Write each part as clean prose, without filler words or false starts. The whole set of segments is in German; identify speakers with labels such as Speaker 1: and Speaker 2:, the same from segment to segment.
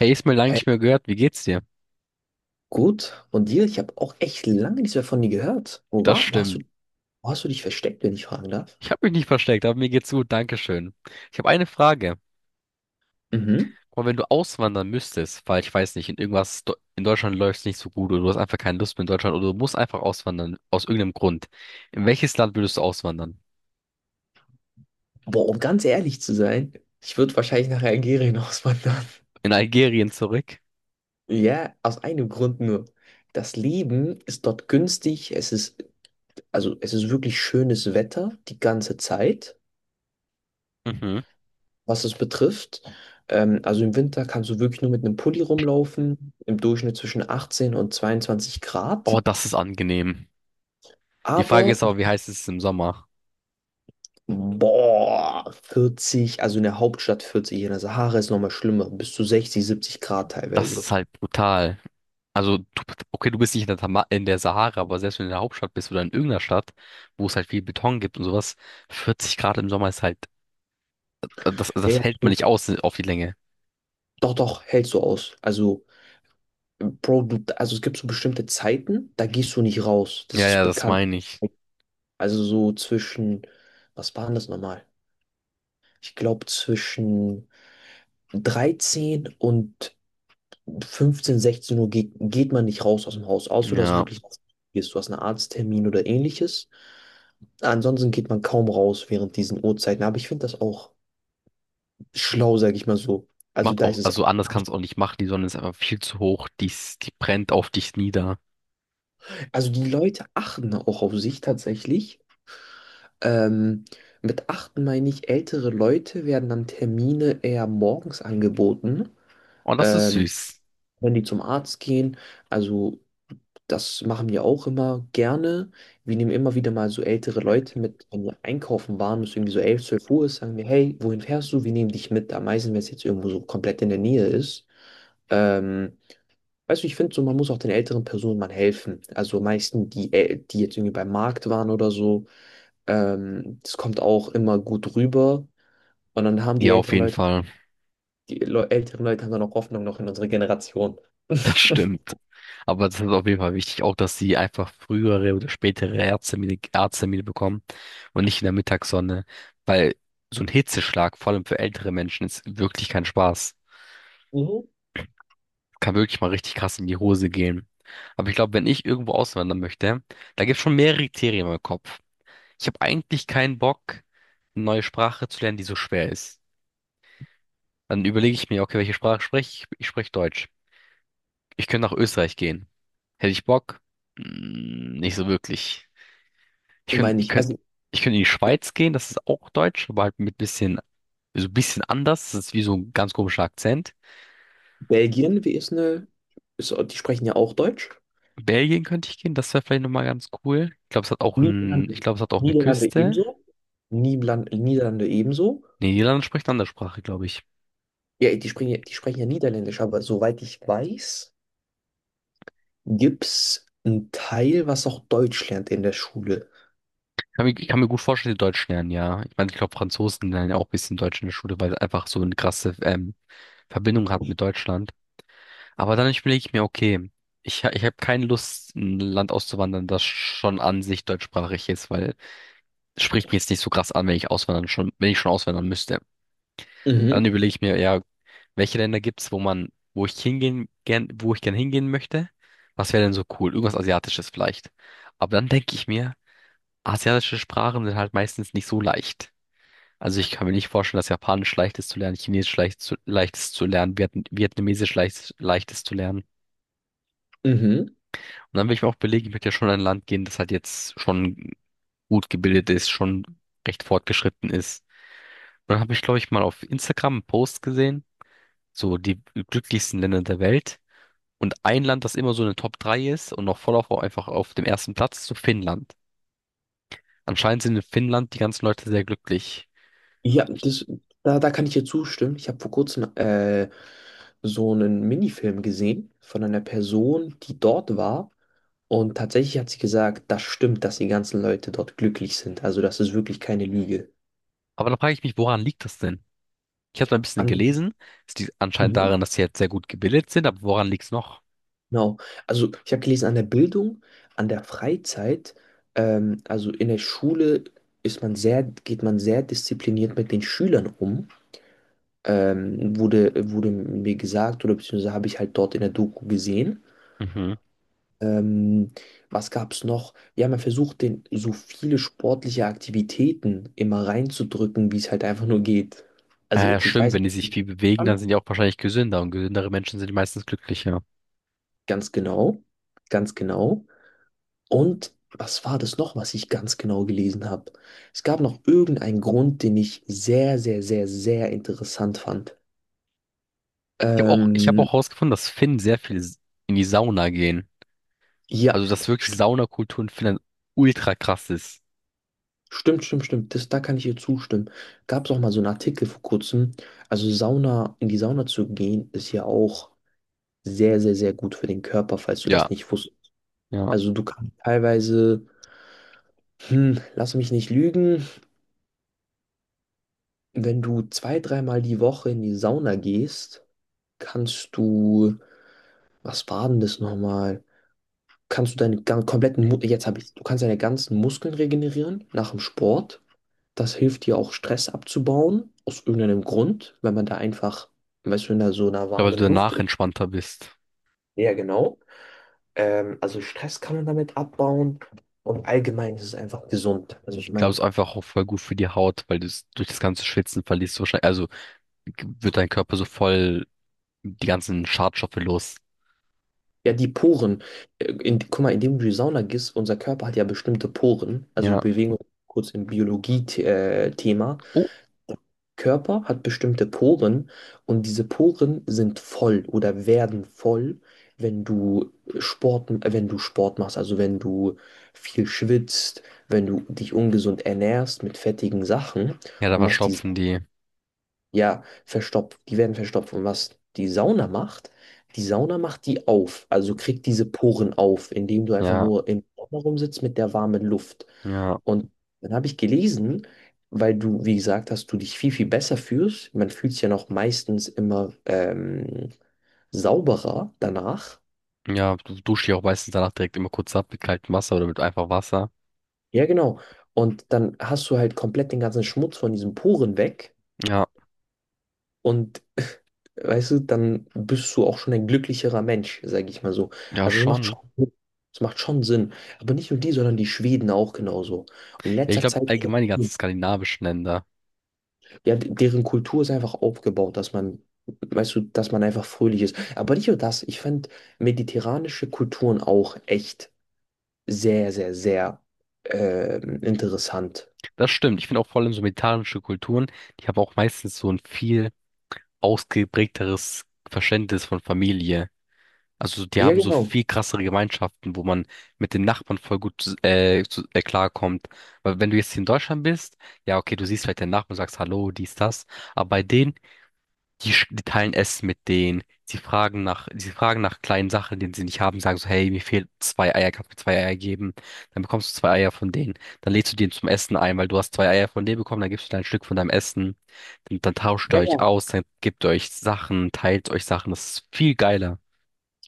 Speaker 1: Hey, ist mir lange
Speaker 2: Hey,
Speaker 1: nicht mehr gehört. Wie geht's dir?
Speaker 2: gut. Und dir? Ich habe auch echt lange nichts mehr von dir gehört. Wo
Speaker 1: Das
Speaker 2: war, wo hast
Speaker 1: stimmt.
Speaker 2: du, wo hast du dich versteckt, wenn ich fragen darf?
Speaker 1: Ich habe mich nicht versteckt, aber mir geht's gut. Dankeschön. Ich habe eine Frage.
Speaker 2: Mhm.
Speaker 1: Aber wenn du auswandern müsstest, weil ich weiß nicht, in Deutschland läuft's nicht so gut oder du hast einfach keine Lust mehr in Deutschland oder du musst einfach auswandern aus irgendeinem Grund. In welches Land würdest du auswandern?
Speaker 2: Boah, um ganz ehrlich zu sein, ich würde wahrscheinlich nach Algerien auswandern.
Speaker 1: In Algerien zurück?
Speaker 2: Ja, aus einem Grund nur. Das Leben ist dort günstig. Also es ist wirklich schönes Wetter die ganze Zeit,
Speaker 1: Mhm.
Speaker 2: was es betrifft. Also im Winter kannst du wirklich nur mit einem Pulli rumlaufen, im Durchschnitt zwischen 18 und 22 Grad.
Speaker 1: Oh, das ist angenehm. Die Frage
Speaker 2: Aber
Speaker 1: ist aber, wie heiß ist es im Sommer?
Speaker 2: Boah, 40, also in der Hauptstadt 40, in der Sahara ist nochmal schlimmer, bis zu 60, 70 Grad
Speaker 1: Das
Speaker 2: teilweise.
Speaker 1: ist halt brutal. Also, okay, du bist nicht in der, Tama in der Sahara, aber selbst wenn du in der Hauptstadt bist oder in irgendeiner Stadt, wo es halt viel Beton gibt und sowas, 40 Grad im Sommer ist halt, das,
Speaker 2: Ja, ja.
Speaker 1: das hält man nicht aus auf die Länge.
Speaker 2: Doch, doch, hältst du aus. Also, Bro, also es gibt so bestimmte Zeiten, da gehst du nicht raus. Das
Speaker 1: Ja,
Speaker 2: ist
Speaker 1: ja, das
Speaker 2: bekannt.
Speaker 1: meine ich.
Speaker 2: Also so zwischen, was waren das nochmal? Ich glaube zwischen 13 und 15, 16 Uhr geht man nicht raus aus dem Haus, außer du hast
Speaker 1: Ja,
Speaker 2: wirklich du hast einen Arzttermin oder ähnliches. Ansonsten geht man kaum raus während diesen Uhrzeiten. Aber ich finde das auch schlau, sage ich mal so. Also
Speaker 1: macht
Speaker 2: da
Speaker 1: auch,
Speaker 2: ist es.
Speaker 1: also anders kannst du auch nicht machen, die Sonne ist einfach viel zu hoch, die, die brennt auf dich nieder.
Speaker 2: Also die Leute achten auch auf sich tatsächlich. Ähm, mit achten meine ich, ältere Leute werden dann Termine eher morgens angeboten,
Speaker 1: Und das ist
Speaker 2: ähm,
Speaker 1: süß.
Speaker 2: wenn die zum Arzt gehen. Also das machen wir auch immer gerne. Wir nehmen immer wieder mal so ältere Leute mit, wenn wir einkaufen waren, es ist irgendwie so 11, 12 Uhr ist, sagen wir, hey, wohin fährst du? Wir nehmen dich mit. Am meisten, wenn es jetzt irgendwo so komplett in der Nähe ist. Ähm, weißt du, ich finde so, man muss auch den älteren Personen mal helfen. Also meisten, die jetzt irgendwie beim Markt waren oder so, das kommt auch immer gut rüber. Und dann haben die
Speaker 1: Ja, auf
Speaker 2: älteren
Speaker 1: jeden
Speaker 2: Leute,
Speaker 1: Fall.
Speaker 2: älteren Leute haben dann auch Hoffnung noch in unsere Generation.
Speaker 1: Das stimmt. Aber das ist auf jeden Fall wichtig, auch dass sie einfach frühere oder spätere Arzttermine, bekommen und nicht in der Mittagssonne, weil so ein Hitzeschlag, vor allem für ältere Menschen, ist wirklich kein Spaß.
Speaker 2: Mhm.
Speaker 1: Kann wirklich mal richtig krass in die Hose gehen. Aber ich glaube, wenn ich irgendwo auswandern möchte, da gibt es schon mehrere Kriterien im Kopf. Ich habe eigentlich keinen Bock, eine neue Sprache zu lernen, die so schwer ist. Dann überlege ich mir, okay, welche Sprache spreche ich? Ich spreche Deutsch. Ich könnte nach Österreich gehen. Hätte ich Bock? Nicht so wirklich. Ich könnte,
Speaker 2: Meine
Speaker 1: ich
Speaker 2: ich.
Speaker 1: könnte,
Speaker 2: Also
Speaker 1: ich könnte in die Schweiz gehen, das ist auch Deutsch, aber halt mit bisschen, so ein bisschen anders. Das ist wie so ein ganz komischer Akzent.
Speaker 2: Belgien, wie ist eine, ist, die sprechen ja auch Deutsch.
Speaker 1: Belgien könnte ich gehen, das wäre vielleicht nochmal ganz cool. Ich glaube, es hat auch ein,
Speaker 2: Niederlande,
Speaker 1: ich glaube, es hat auch eine
Speaker 2: Niederlande
Speaker 1: Küste.
Speaker 2: ebenso. Niederlande ebenso.
Speaker 1: Nee, Niederlande spricht eine andere Sprache, glaube ich.
Speaker 2: Ja, die sprechen ja Niederländisch, aber soweit ich weiß, gibt es einen Teil, was auch Deutsch lernt in der Schule.
Speaker 1: Ich kann mir gut vorstellen, die Deutsch lernen, ja. Ich meine, ich glaube, Franzosen lernen ja auch ein bisschen Deutsch in der Schule, weil es einfach so eine krasse Verbindung hat mit Deutschland. Aber dann überlege ich mir, okay, ich habe keine Lust, in ein Land auszuwandern, das schon an sich deutschsprachig ist, weil spricht mich jetzt nicht so krass an, wenn ich schon auswandern müsste. Dann
Speaker 2: Mhm,
Speaker 1: überlege ich mir, ja, welche Länder gibt's, wo ich gern hingehen möchte? Was wäre denn so cool? Irgendwas Asiatisches vielleicht. Aber dann denke ich mir, asiatische Sprachen sind halt meistens nicht so leicht. Also ich kann mir nicht vorstellen, dass Japanisch leicht ist zu lernen, Chinesisch leicht ist zu lernen, Vietnamesisch leicht ist zu lernen.
Speaker 2: mhm.
Speaker 1: Und dann will ich mir auch belegen, ich möchte ja schon in ein Land gehen, das halt jetzt schon gut gebildet ist, schon recht fortgeschritten ist. Dann habe ich, glaube ich, mal auf Instagram einen Post gesehen, so die glücklichsten Länder der Welt. Und ein Land, das immer so in den Top 3 ist und noch einfach auf dem ersten Platz, ist so Finnland. Anscheinend sind in Finnland die ganzen Leute sehr glücklich.
Speaker 2: Ja, da kann ich dir zustimmen. Ich habe vor kurzem so einen Minifilm gesehen von einer Person, die dort war. Und tatsächlich hat sie gesagt, das stimmt, dass die ganzen Leute dort glücklich sind. Also das ist wirklich keine Lüge.
Speaker 1: Aber da frage ich mich, woran liegt das denn? Ich habe da ein bisschen
Speaker 2: An,
Speaker 1: gelesen. Es liegt anscheinend
Speaker 2: mhm,
Speaker 1: daran, dass sie halt sehr gut gebildet sind, aber woran liegt's noch?
Speaker 2: genau. Also ich habe gelesen, an der Bildung, an der Freizeit, also in der Schule geht man sehr diszipliniert mit den Schülern um. Wurde mir gesagt, oder beziehungsweise habe ich halt dort in der Doku gesehen.
Speaker 1: Mhm.
Speaker 2: Ähm, was gab es noch? Wir haben ja versucht, den so viele sportliche Aktivitäten immer reinzudrücken, wie es halt einfach nur geht. Also,
Speaker 1: Äh,
Speaker 2: okay, ich
Speaker 1: stimmt,
Speaker 2: weiß,
Speaker 1: wenn die sich viel bewegen, dann sind die auch wahrscheinlich gesünder und gesündere Menschen sind meistens glücklicher.
Speaker 2: ganz genau, ganz genau. Und was war das noch, was ich ganz genau gelesen habe? Es gab noch irgendeinen Grund, den ich sehr, sehr, sehr, sehr interessant fand.
Speaker 1: Ich habe auch, ich habe
Speaker 2: Ähm,
Speaker 1: auch herausgefunden, dass Finnen sehr viel in die Sauna gehen.
Speaker 2: ja,
Speaker 1: Also, dass wirklich Saunakultur in Finnland ultra krass ist.
Speaker 2: Stimmt, stimmt, stimmt. Da kann ich ihr zustimmen. Gab es auch mal so einen Artikel vor kurzem. Also Sauna, in die Sauna zu gehen, ist ja auch sehr, sehr, sehr gut für den Körper, falls du das
Speaker 1: Ja,
Speaker 2: nicht wusstest.
Speaker 1: ja.
Speaker 2: Also du kannst teilweise, lass mich nicht lügen, wenn du zwei, dreimal die Woche in die Sauna gehst, kannst du, was war denn das nochmal? Kannst du deinen gan- kompletten, Mu- du kannst deine ganzen Muskeln regenerieren nach dem Sport. Das hilft dir auch Stress abzubauen, aus irgendeinem Grund, wenn man da einfach, weißt du, so einer
Speaker 1: Ich glaube, weil
Speaker 2: warmen
Speaker 1: du
Speaker 2: Luft
Speaker 1: danach
Speaker 2: ist.
Speaker 1: entspannter bist.
Speaker 2: Ja, genau. Also Stress kann man damit abbauen und allgemein ist es einfach gesund. Also ich
Speaker 1: Ich glaube, es
Speaker 2: meine,
Speaker 1: ist einfach auch voll gut für die Haut, weil du es durch das ganze Schwitzen verlierst du wahrscheinlich, also wird dein Körper so voll die ganzen Schadstoffe los.
Speaker 2: ja, die Poren, guck mal, indem du in die Sauna gehst, unser Körper hat ja bestimmte Poren, also wir
Speaker 1: Ja.
Speaker 2: bewegen uns kurz im Biologie-Thema.
Speaker 1: Oh,
Speaker 2: Körper hat bestimmte Poren und diese Poren sind voll oder werden voll, wenn du wenn du Sport machst, also wenn du viel schwitzt, wenn du dich ungesund ernährst mit fettigen Sachen
Speaker 1: ja, da
Speaker 2: und was die,
Speaker 1: verstopfen die.
Speaker 2: ja, verstopft, die werden verstopft und was die Sauna macht, die Sauna macht die auf, also kriegt diese Poren auf, indem du einfach
Speaker 1: Ja,
Speaker 2: nur im Sommer rumsitzt mit der warmen Luft.
Speaker 1: ja.
Speaker 2: Und dann habe ich gelesen, weil du, wie gesagt hast, du dich viel, viel besser fühlst. Man fühlt sich ja noch meistens immer sauberer danach.
Speaker 1: Ja, du duschst dich auch meistens danach direkt immer kurz ab mit kaltem Wasser oder mit einfach Wasser.
Speaker 2: Ja, genau. Und dann hast du halt komplett den ganzen Schmutz von diesen Poren weg.
Speaker 1: Ja,
Speaker 2: Und weißt du, dann bist du auch schon ein glücklicherer Mensch, sage ich mal so.
Speaker 1: ja,
Speaker 2: Also
Speaker 1: schon.
Speaker 2: es macht schon Sinn. Aber nicht nur die, sondern die Schweden auch genauso. Und in
Speaker 1: Ja, ich
Speaker 2: letzter
Speaker 1: glaube,
Speaker 2: Zeit.
Speaker 1: allgemein die ganzen skandinavischen Länder.
Speaker 2: Ja, deren Kultur ist einfach aufgebaut, dass man, weißt du, dass man einfach fröhlich ist. Aber nicht nur das, ich fand mediterranische Kulturen auch echt sehr, sehr, sehr interessant.
Speaker 1: Das stimmt. Ich finde auch vor allem so mediterranische Kulturen, die haben auch meistens so ein viel ausgeprägteres Verständnis von Familie. Also die
Speaker 2: Ja,
Speaker 1: haben so
Speaker 2: genau.
Speaker 1: viel krassere Gemeinschaften, wo man mit den Nachbarn voll gut klarkommt. Weil wenn du jetzt hier in Deutschland bist, ja okay, du siehst vielleicht deinen Nachbarn und sagst Hallo, dies, das. Aber bei denen die, die teilen Essen mit denen. Sie fragen nach kleinen Sachen, die sie nicht haben, sagen so, hey, mir fehlen zwei Eier, kannst du mir zwei Eier geben? Dann bekommst du zwei Eier von denen. Dann lädst du die zum Essen ein, weil du hast zwei Eier von denen bekommen, dann gibst du dir ein Stück von deinem Essen. Dann tauscht ihr
Speaker 2: Ja,
Speaker 1: euch
Speaker 2: ja.
Speaker 1: aus, dann gebt ihr euch Sachen, teilt euch Sachen. Das ist viel geiler.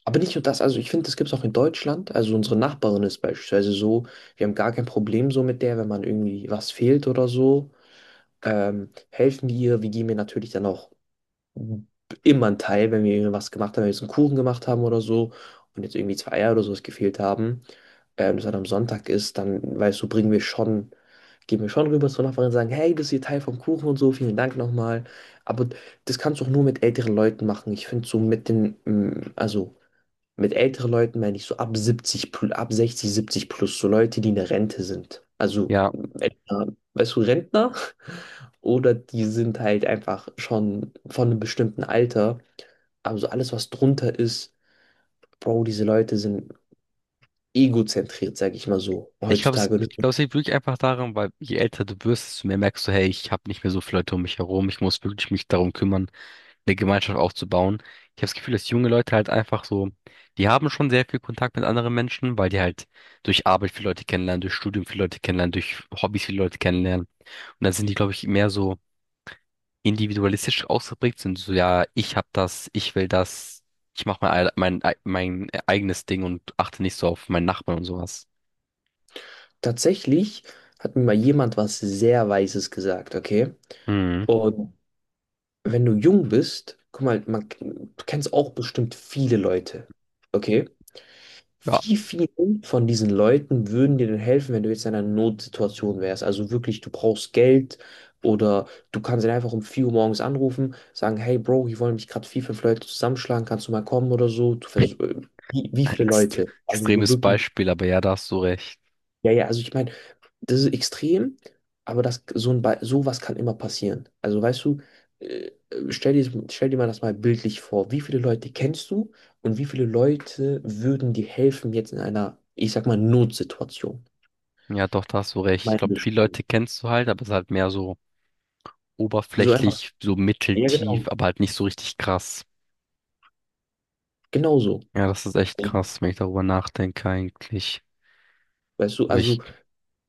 Speaker 2: Aber nicht nur das, also ich finde, das gibt es auch in Deutschland. Also unsere Nachbarin ist beispielsweise so, wir haben gar kein Problem so mit der, wenn man irgendwie was fehlt oder so. Helfen wir ihr, wir geben ihr natürlich dann auch immer ein Teil, wenn wir was gemacht haben, wenn wir jetzt einen Kuchen gemacht haben oder so und jetzt irgendwie zwei Eier oder sowas gefehlt haben, das dann am Sonntag ist, dann, weißt du, gehen wir schon rüber zur Nachbarin und sagen, hey, das ist hier Teil vom Kuchen und so, vielen Dank nochmal. Aber das kannst du auch nur mit älteren Leuten machen. Ich finde so also mit älteren Leuten meine ich so ab 60, 70 plus, so Leute, die in der Rente sind. Also,
Speaker 1: Ja.
Speaker 2: Rentner, weißt du, Rentner? Oder die sind halt einfach schon von einem bestimmten Alter. Also alles, was drunter ist, Bro, diese Leute sind egozentriert, sag ich mal so,
Speaker 1: Ich glaube, es,
Speaker 2: heutzutage. Und
Speaker 1: ich glaube, es liegt wirklich einfach daran, weil je älter du wirst, desto mehr merkst du, hey, ich habe nicht mehr so viele Leute um mich herum, ich muss wirklich mich darum kümmern, eine Gemeinschaft aufzubauen. Ich habe das Gefühl, dass junge Leute halt einfach so, die haben schon sehr viel Kontakt mit anderen Menschen, weil die halt durch Arbeit viele Leute kennenlernen, durch Studium viele Leute kennenlernen, durch Hobbys viele Leute kennenlernen. Und dann sind die, glaube ich, mehr so individualistisch ausgeprägt, sind so, ja, ich hab das, ich will das, ich mache mein, mein eigenes Ding und achte nicht so auf meinen Nachbarn und sowas.
Speaker 2: tatsächlich hat mir mal jemand was sehr Weises gesagt, okay?
Speaker 1: Mhm.
Speaker 2: Und wenn du jung bist, guck mal, man, du kennst auch bestimmt viele Leute, okay?
Speaker 1: Ja,
Speaker 2: Wie vielen von diesen Leuten würden dir denn helfen, wenn du jetzt in einer Notsituation wärst? Also wirklich, du brauchst Geld oder du kannst ihn einfach um 4 Uhr morgens anrufen, sagen, hey Bro, hier wollen mich gerade vier, fünf Leute zusammenschlagen, kannst du mal kommen oder so? Du versuch, äh, wie, wie viele
Speaker 1: Ex
Speaker 2: Leute? Also so
Speaker 1: extremes
Speaker 2: wirklich,
Speaker 1: Beispiel, aber ja, da hast du recht.
Speaker 2: ja, ja, also ich meine, das ist extrem, aber das, so ein, Be- sowas kann immer passieren. Also weißt du, äh, stell dir mal das mal bildlich vor. Wie viele Leute kennst du und wie viele Leute würden dir helfen jetzt in einer, ich sag mal, Notsituation?
Speaker 1: Ja, doch, da hast du recht. Ich glaube, viele
Speaker 2: Gemeindeschule.
Speaker 1: Leute kennst du halt, aber es ist halt mehr so
Speaker 2: So einfach.
Speaker 1: oberflächlich so
Speaker 2: Ja,
Speaker 1: mitteltief,
Speaker 2: genau.
Speaker 1: aber halt nicht so richtig krass.
Speaker 2: Genauso.
Speaker 1: Ja, das ist echt krass, wenn ich darüber nachdenke eigentlich.
Speaker 2: Weißt du,
Speaker 1: Aber
Speaker 2: also
Speaker 1: ich,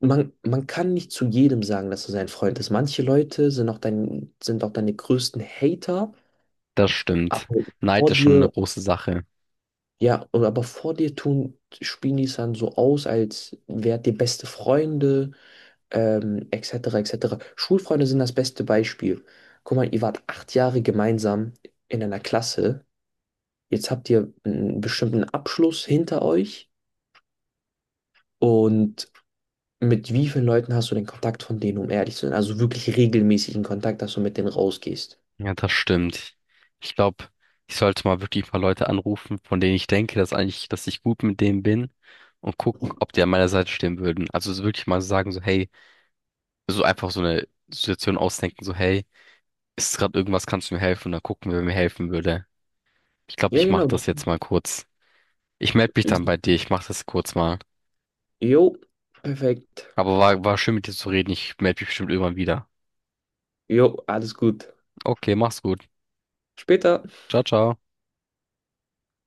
Speaker 2: man kann nicht zu jedem sagen, dass er sein Freund ist. Manche Leute sind auch sind auch deine größten Hater,
Speaker 1: Das stimmt.
Speaker 2: aber
Speaker 1: Neid
Speaker 2: vor
Speaker 1: ist schon eine
Speaker 2: dir
Speaker 1: große Sache.
Speaker 2: ja, und aber vor dir tun, spielen die es dann so aus, als wärt ihr beste Freunde, etc., etc. Schulfreunde sind das beste Beispiel. Guck mal, ihr wart 8 Jahre gemeinsam in einer Klasse. Jetzt habt ihr einen bestimmten Abschluss hinter euch. Und mit wie vielen Leuten hast du den Kontakt von denen, um ehrlich zu sein? Also wirklich regelmäßigen Kontakt, dass du mit denen rausgehst.
Speaker 1: Ja, das stimmt. Ich glaube, ich sollte mal wirklich ein paar Leute anrufen, von denen ich denke, dass eigentlich, dass ich gut mit denen bin und guck, ob die an meiner Seite stehen würden. Also so wirklich mal sagen, so, hey, so einfach so eine Situation ausdenken, so, hey, ist gerade irgendwas, kannst du mir helfen? Und dann gucken, wer mir helfen würde. Ich glaube,
Speaker 2: Ja,
Speaker 1: ich mache
Speaker 2: genau.
Speaker 1: das jetzt mal kurz. Ich melde mich dann bei dir. Ich mache das kurz mal.
Speaker 2: Jo, perfekt.
Speaker 1: Aber war schön mit dir zu reden. Ich melde mich bestimmt irgendwann wieder.
Speaker 2: Jo, alles gut.
Speaker 1: Okay, mach's gut.
Speaker 2: Später.
Speaker 1: Ciao, ciao.